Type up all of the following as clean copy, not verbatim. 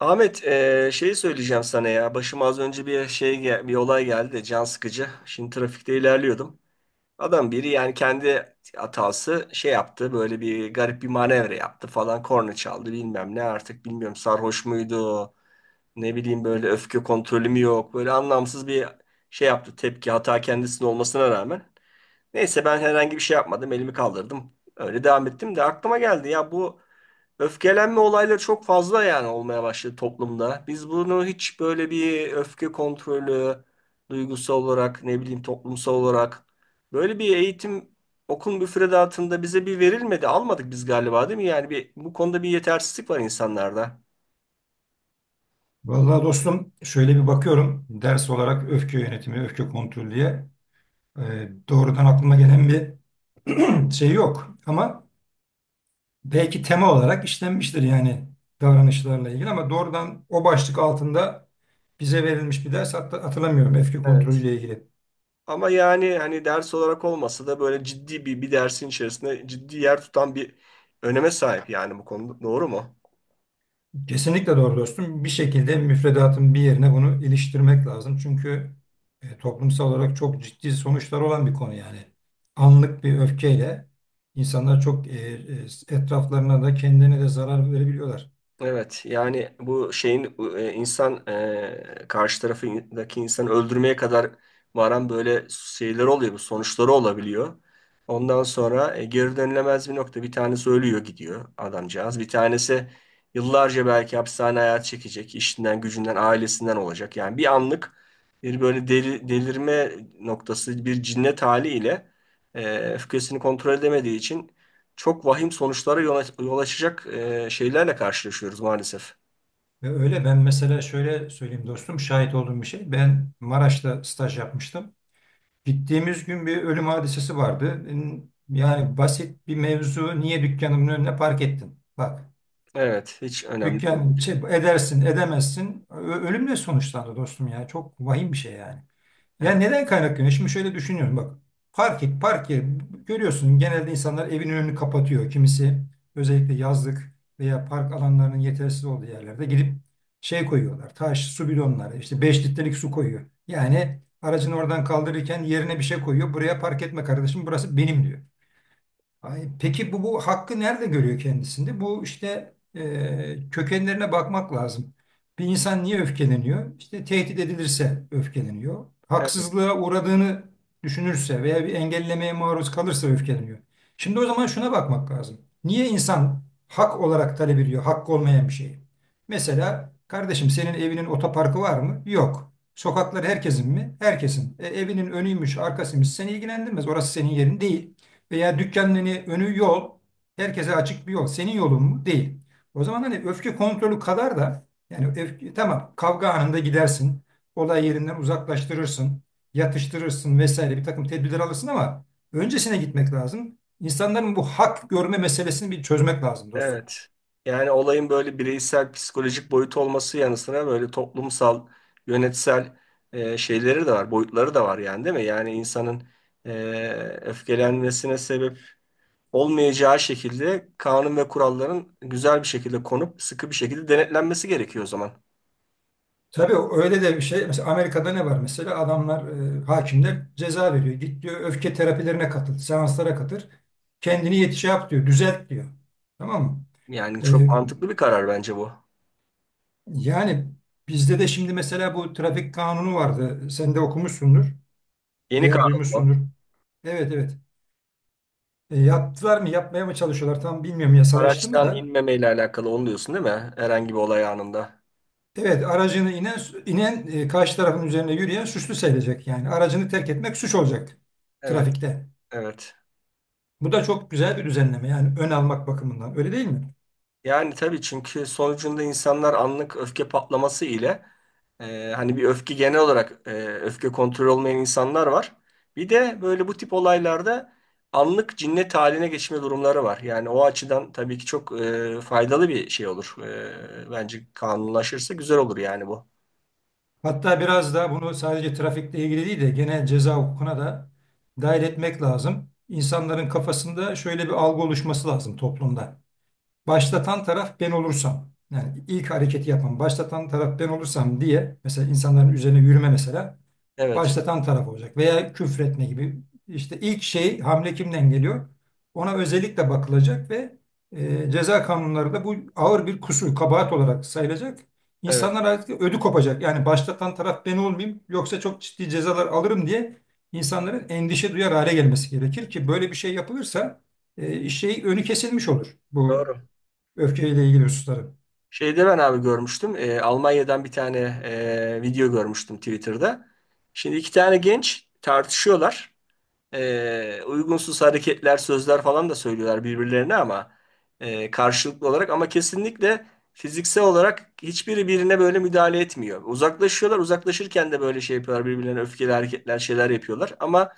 Ahmet, şeyi söyleyeceğim sana ya. Başıma az önce bir olay geldi de can sıkıcı. Şimdi trafikte ilerliyordum. Adam biri yani kendi hatası şey yaptı. Böyle bir garip bir manevra yaptı falan. Korna çaldı bilmem ne artık bilmiyorum sarhoş muydu. Ne bileyim böyle öfke kontrolümü yok. Böyle anlamsız bir şey yaptı tepki hata kendisinin olmasına rağmen. Neyse ben herhangi bir şey yapmadım. Elimi kaldırdım. Öyle devam ettim de aklıma geldi ya bu öfkelenme olayları çok fazla yani olmaya başladı toplumda. Biz bunu hiç böyle bir öfke kontrolü duygusal olarak ne bileyim toplumsal olarak böyle bir eğitim okul müfredatında bize bir verilmedi. Almadık biz galiba değil mi? Yani bir, bu konuda bir yetersizlik var insanlarda. Vallahi dostum şöyle bir bakıyorum ders olarak öfke yönetimi, öfke kontrolü diye doğrudan aklıma gelen bir şey yok. Ama belki tema olarak işlenmiştir yani davranışlarla ilgili ama doğrudan o başlık altında bize verilmiş bir ders hatta hatırlamıyorum öfke Evet. kontrolüyle ilgili. Ama yani hani ders olarak olmasa da böyle ciddi bir dersin içerisinde ciddi yer tutan bir öneme sahip yani bu konuda. Doğru mu? Kesinlikle doğru dostum. Bir şekilde müfredatın bir yerine bunu iliştirmek lazım. Çünkü toplumsal olarak çok ciddi sonuçlar olan bir konu yani. Anlık bir öfkeyle insanlar çok etraflarına da kendine de zarar verebiliyorlar. Evet yani bu şeyin insan karşı tarafındaki insanı öldürmeye kadar varan böyle şeyler oluyor bu sonuçları olabiliyor. Ondan sonra geri dönülemez bir nokta bir tanesi ölüyor gidiyor adamcağız. Bir tanesi yıllarca belki hapishane hayatı çekecek işinden gücünden ailesinden olacak. Yani bir anlık bir böyle delirme noktası bir cinnet haliyle öfkesini kontrol edemediği için çok vahim sonuçlara yol açacak şeylerle karşılaşıyoruz maalesef. Ve öyle ben mesela şöyle söyleyeyim dostum şahit olduğum bir şey. Ben Maraş'ta staj yapmıştım. Gittiğimiz gün bir ölüm hadisesi vardı. Yani basit bir mevzu niye dükkanımın önüne park ettin? Bak. Evet, hiç önemli Dükkan değil. şey, edersin, edemezsin. Ölümle sonuçlandı dostum ya. Çok vahim bir şey yani. Ya Evet, neden kaynaklanıyor? Şimdi şöyle düşünüyorum bak. Park et, park et. Görüyorsun genelde insanlar evin önünü kapatıyor. Kimisi özellikle yazlık veya park alanlarının yetersiz olduğu yerlerde gidip şey koyuyorlar. Taş, su bidonları, işte 5 litrelik su koyuyor. Yani aracını oradan kaldırırken yerine bir şey koyuyor. Buraya park etme kardeşim, burası benim diyor. Ay, peki bu hakkı nerede görüyor kendisinde? Bu işte kökenlerine bakmak lazım. Bir insan niye öfkeleniyor? İşte tehdit edilirse öfkeleniyor. evet, Haksızlığa uğradığını düşünürse veya bir engellemeye maruz kalırsa öfkeleniyor. Şimdi o zaman şuna bakmak lazım. Niye insan hak olarak talep ediyor, hakkı olmayan bir şeyi? Mesela kardeşim senin evinin otoparkı var mı? Yok. Sokaklar herkesin mi? Herkesin. E, evinin önüymüş, arkasıymış seni ilgilendirmez. Orası senin yerin değil veya dükkanın hani önü yol, herkese açık bir yol. Senin yolun mu? Değil. O zaman hani öfke kontrolü kadar da yani öfke, tamam kavga anında gidersin, olay yerinden uzaklaştırırsın, yatıştırırsın vesaire bir takım tedbirler alırsın ama öncesine gitmek lazım. İnsanların bu hak görme meselesini bir çözmek lazım dostum. evet. Yani olayın böyle bireysel, psikolojik boyutu olması yanı sıra böyle toplumsal, yönetsel şeyleri de var, boyutları da var yani değil mi? Yani insanın e, öfkelenmesine sebep olmayacağı şekilde kanun ve kuralların güzel bir şekilde konup sıkı bir şekilde denetlenmesi gerekiyor o zaman. Tabii öyle de bir şey. Mesela Amerika'da ne var mesela? Adamlar, hakimler ceza veriyor. Git diyor öfke terapilerine katıl, seanslara katıl. Kendini yetiş yap diyor, düzelt diyor. Tamam mı? Yani çok E, mantıklı bir karar bence bu. yani bizde de şimdi mesela bu trafik kanunu vardı. Sen de okumuşsundur Yeni veya kanun duymuşsundur. bu. Evet, evet. E, yaptılar mı yapmaya mı çalışıyorlar tam bilmiyorum yasalaştı mı Araçtan da. inmemeyle alakalı onu diyorsun değil mi? Herhangi bir olay anında. Evet aracını inen karşı tarafın üzerine yürüyen suçlu sayılacak. Yani aracını terk etmek suç olacak Evet, trafikte. evet. Bu da çok güzel bir düzenleme yani ön almak bakımından öyle değil mi? Yani tabii çünkü sonucunda insanlar anlık öfke patlaması ile hani bir öfke genel olarak öfke kontrolü olmayan insanlar var. Bir de böyle bu tip olaylarda anlık cinnet haline geçme durumları var. Yani o açıdan tabii ki çok faydalı bir şey olur. Bence kanunlaşırsa güzel olur yani bu. Hatta biraz da bunu sadece trafikle ilgili değil de genel ceza hukukuna da dahil etmek lazım. İnsanların kafasında şöyle bir algı oluşması lazım toplumda. Başlatan taraf ben olursam yani ilk hareketi yapan başlatan taraf ben olursam diye mesela insanların üzerine yürüme mesela Evet, başlatan taraf olacak veya küfretme gibi işte ilk şey hamle kimden geliyor ona özellikle bakılacak ve ceza kanunları da bu ağır bir kusur kabahat olarak sayılacak. evet. İnsanlar artık ödü kopacak yani başlatan taraf ben olmayayım yoksa çok ciddi cezalar alırım diye insanların endişe duyar hale gelmesi gerekir ki böyle bir şey yapılırsa şey önü kesilmiş olur bu Doğru. öfkeyle ilgili hususları. Şeyde ben abi görmüştüm. Almanya'dan bir tane video görmüştüm Twitter'da. Şimdi iki tane genç tartışıyorlar uygunsuz hareketler, sözler falan da söylüyorlar birbirlerine ama karşılıklı olarak ama kesinlikle fiziksel olarak hiçbiri birine böyle müdahale etmiyor. Uzaklaşıyorlar, uzaklaşırken de böyle şey yapıyorlar birbirlerine öfkeli hareketler, şeyler yapıyorlar ama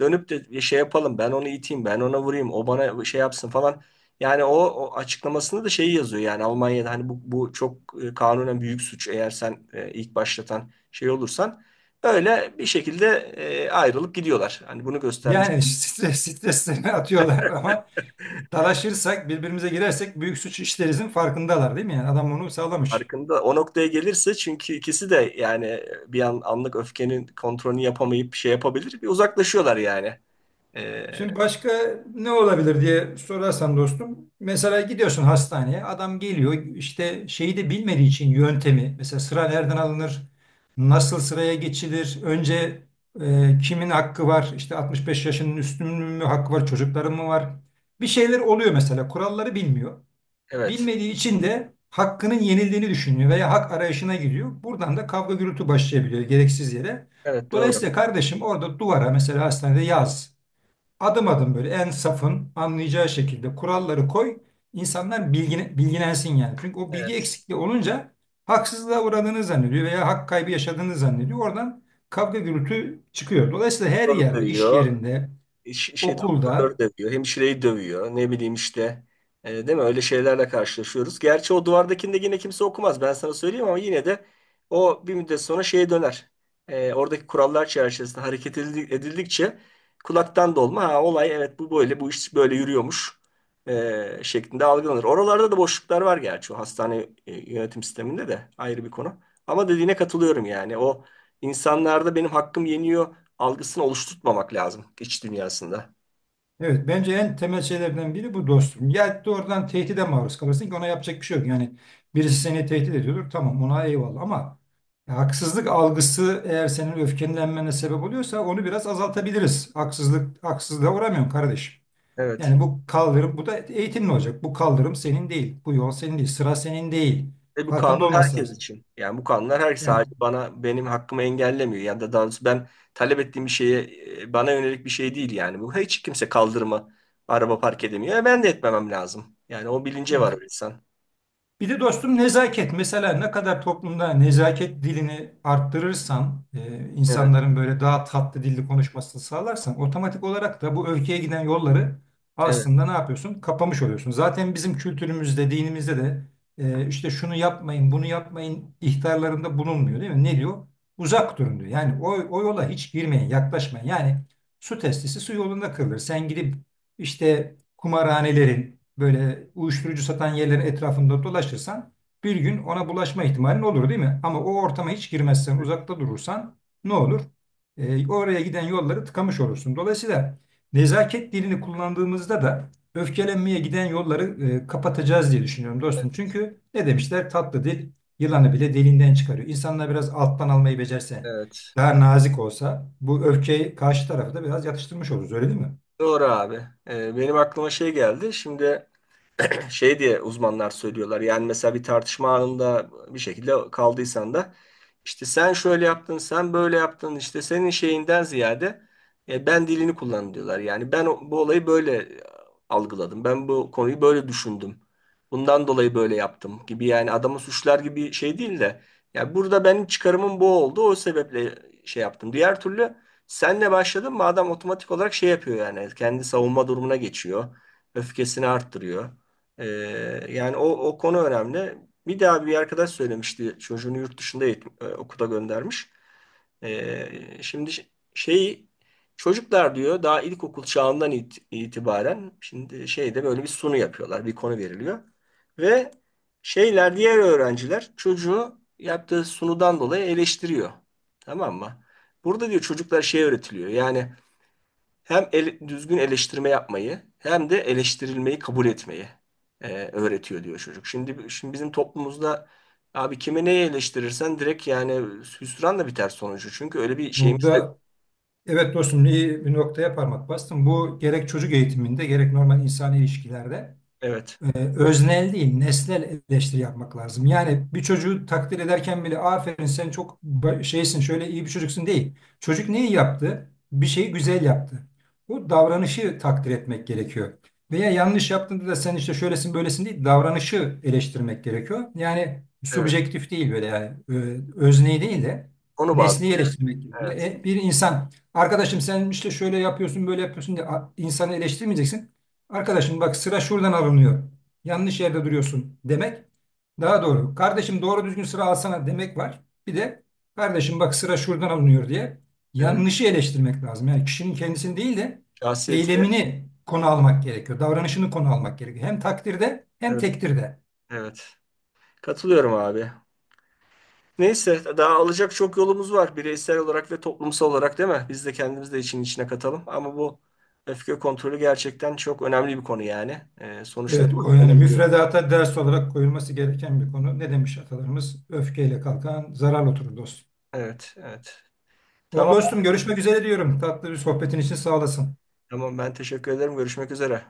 dönüp de şey yapalım ben onu iteyim, ben ona vurayım, o bana şey yapsın falan. Yani o açıklamasında da şeyi yazıyor yani Almanya'da hani bu çok kanunen büyük suç eğer sen ilk başlatan şey olursan. Öyle bir şekilde ayrılıp gidiyorlar. Hani bunu göstermiş Yani streslerini atıyorlar ama dalaşırsak, birbirimize girersek büyük suç işlerizin farkındalar değil mi? Yani adam bunu sağlamış. farkında. O noktaya gelirse çünkü ikisi de yani bir an anlık öfkenin kontrolünü yapamayıp şey yapabilir. Bir uzaklaşıyorlar yani. E, Şimdi başka ne olabilir diye sorarsan dostum. Mesela gidiyorsun hastaneye, adam geliyor işte şeyi de bilmediği için yöntemi. Mesela sıra nereden alınır? Nasıl sıraya geçilir? Önce kimin hakkı var? İşte 65 yaşının üstünün mü hakkı var? Çocukların mı var? Bir şeyler oluyor mesela. Kuralları bilmiyor. evet. Bilmediği için de hakkının yenildiğini düşünüyor veya hak arayışına giriyor. Buradan da kavga gürültü başlayabiliyor gereksiz yere. Evet doğru. Dolayısıyla kardeşim orada duvara mesela hastanede yaz. Adım adım böyle en safın anlayacağı şekilde kuralları koy. İnsanlar bilgilensin yani. Çünkü o bilgi Evet. eksikliği olunca haksızlığa uğradığını zannediyor veya hak kaybı yaşadığını zannediyor. Oradan kavga gürültü çıkıyor. Dolayısıyla her Soru yerde, iş duyuyor. yerinde, Şey doktorları okulda. dövüyor, hemşireyi dövüyor. Ne bileyim işte. Değil mi? Öyle şeylerle karşılaşıyoruz. Gerçi o duvardakinde yine kimse okumaz. Ben sana söyleyeyim ama yine de o bir müddet sonra şeye döner. Oradaki kurallar çerçevesinde edildikçe kulaktan dolma. Ha, olay evet bu böyle, bu iş böyle yürüyormuş şeklinde algılanır. Oralarda da boşluklar var gerçi o hastane yönetim sisteminde de ayrı bir konu. Ama dediğine katılıyorum yani. O insanlarda benim hakkım yeniyor algısını oluşturtmamak lazım iç dünyasında. Evet, bence en temel şeylerden biri bu dostum. Ya doğrudan tehdide maruz kalırsın ki ona yapacak bir şey yok. Yani birisi seni tehdit ediyordur, tamam ona eyvallah ama ya haksızlık algısı eğer senin öfkelenmene sebep oluyorsa onu biraz azaltabiliriz. Haksızlığa uğramıyorum kardeşim. Evet. Yani bu kaldırım, bu da eğitimli olacak. Bu kaldırım senin değil, bu yol senin değil, sıra senin değil. Ve bu Farkında kanun olması herkes lazım. için. Yani bu kanunlar her sadece Yani bana benim hakkımı engellemiyor. Yani da daha doğrusu ben talep ettiğim bir şeye bana yönelik bir şey değil yani. Bu hiç kimse kaldırıma araba park edemiyor. Ben de etmemem lazım. Yani o bilince var evet. o insan. Bir de dostum nezaket. Mesela ne kadar toplumda nezaket dilini arttırırsan, Evet, insanların böyle daha tatlı dilli konuşmasını sağlarsan otomatik olarak da bu öfkeye giden yolları evet, aslında ne yapıyorsun? Kapamış oluyorsun. Zaten bizim kültürümüzde, dinimizde de işte şunu yapmayın, bunu yapmayın ihtarlarında bulunmuyor değil mi? Ne diyor? Uzak durun diyor. Yani o yola hiç girmeyin, yaklaşmayın. Yani su testisi su yolunda kırılır. Sen gidip işte kumarhanelerin böyle uyuşturucu satan yerlerin etrafında dolaşırsan bir gün ona bulaşma ihtimalin olur değil mi? Ama o ortama hiç girmezsen, evet, uzakta durursan ne olur? E, oraya giden yolları tıkamış olursun. Dolayısıyla nezaket dilini kullandığımızda da öfkelenmeye giden yolları kapatacağız diye düşünüyorum dostum. evet. Çünkü ne demişler? Tatlı dil yılanı bile deliğinden çıkarıyor. İnsanlar biraz alttan almayı becerse, Evet. daha nazik olsa bu öfkeyi karşı tarafı da biraz yatıştırmış oluruz öyle değil mi? Doğru abi. Benim aklıma şey geldi. Şimdi şey diye uzmanlar söylüyorlar. Yani mesela bir tartışma anında bir şekilde kaldıysan da işte sen şöyle yaptın, sen böyle yaptın işte senin şeyinden ziyade ben dilini kullan diyorlar. Yani bu olayı böyle algıladım. Ben bu konuyu böyle düşündüm. Bundan dolayı böyle yaptım gibi yani adamı suçlar gibi şey değil de ya burada benim çıkarımım bu oldu. O sebeple şey yaptım. Diğer türlü senle başladım mı adam otomatik olarak şey yapıyor yani. Kendi savunma durumuna geçiyor. Öfkesini arttırıyor. Ee, Yani o konu önemli. Bir daha bir arkadaş söylemişti çocuğunu yurt dışında okula göndermiş. Şimdi şey çocuklar diyor daha ilkokul çağından itibaren şimdi şeyde böyle bir sunu yapıyorlar. Bir konu veriliyor. Ve şeyler diğer öğrenciler çocuğu yaptığı sunudan dolayı eleştiriyor. Tamam mı? Burada diyor çocuklar şey öğretiliyor. Yani düzgün eleştirme yapmayı hem de eleştirilmeyi kabul etmeyi e, öğretiyor diyor çocuk. Şimdi bizim toplumumuzda abi kime neyi eleştirirsen direkt yani hüsranla biter sonucu. Çünkü öyle bir şeyimiz de yok. Burada evet dostum iyi bir noktaya parmak bastın. Bu gerek çocuk eğitiminde gerek normal insan ilişkilerde Evet. Öznel değil, nesnel eleştiri yapmak lazım. Yani bir çocuğu takdir ederken bile aferin sen çok şeysin, şöyle iyi bir çocuksun değil. Çocuk neyi yaptı? Bir şeyi güzel yaptı. Bu davranışı takdir etmek gerekiyor. Veya yanlış yaptığında da sen işte şöylesin böylesin değil, davranışı eleştirmek gerekiyor. Yani Evet. subjektif değil böyle yani özneyi değil de Onu bazlı nesneyi yani. eleştirmek gerekiyor. Evet. E, bir insan arkadaşım sen işte şöyle yapıyorsun böyle yapıyorsun diye insanı eleştirmeyeceksin. Arkadaşım bak sıra şuradan alınıyor yanlış yerde duruyorsun demek. Daha doğru. Kardeşim doğru düzgün sıra alsana demek var. Bir de kardeşim bak sıra şuradan alınıyor diye Evet. yanlışı eleştirmek lazım. Yani kişinin kendisini değil de Şahsiyetine eylemini konu almak gerekiyor. Davranışını konu almak gerekiyor. Hem takdirde hem evet. tektirde. Evet. Katılıyorum abi. Neyse daha alacak çok yolumuz var bireysel olarak ve toplumsal olarak değil mi? Biz de kendimiz de için içine katalım ama bu öfke kontrolü gerçekten çok önemli bir konu yani. Sonuçta Evet, o yani müfredata ders olarak koyulması gereken bir konu. Ne demiş atalarımız? Öfkeyle kalkan zarar oturur dost. evet, evet. Ol Tamam, dostum görüşmek üzere diyorum. Tatlı bir sohbetin için sağ olasın. tamam. Ben teşekkür ederim. Görüşmek üzere.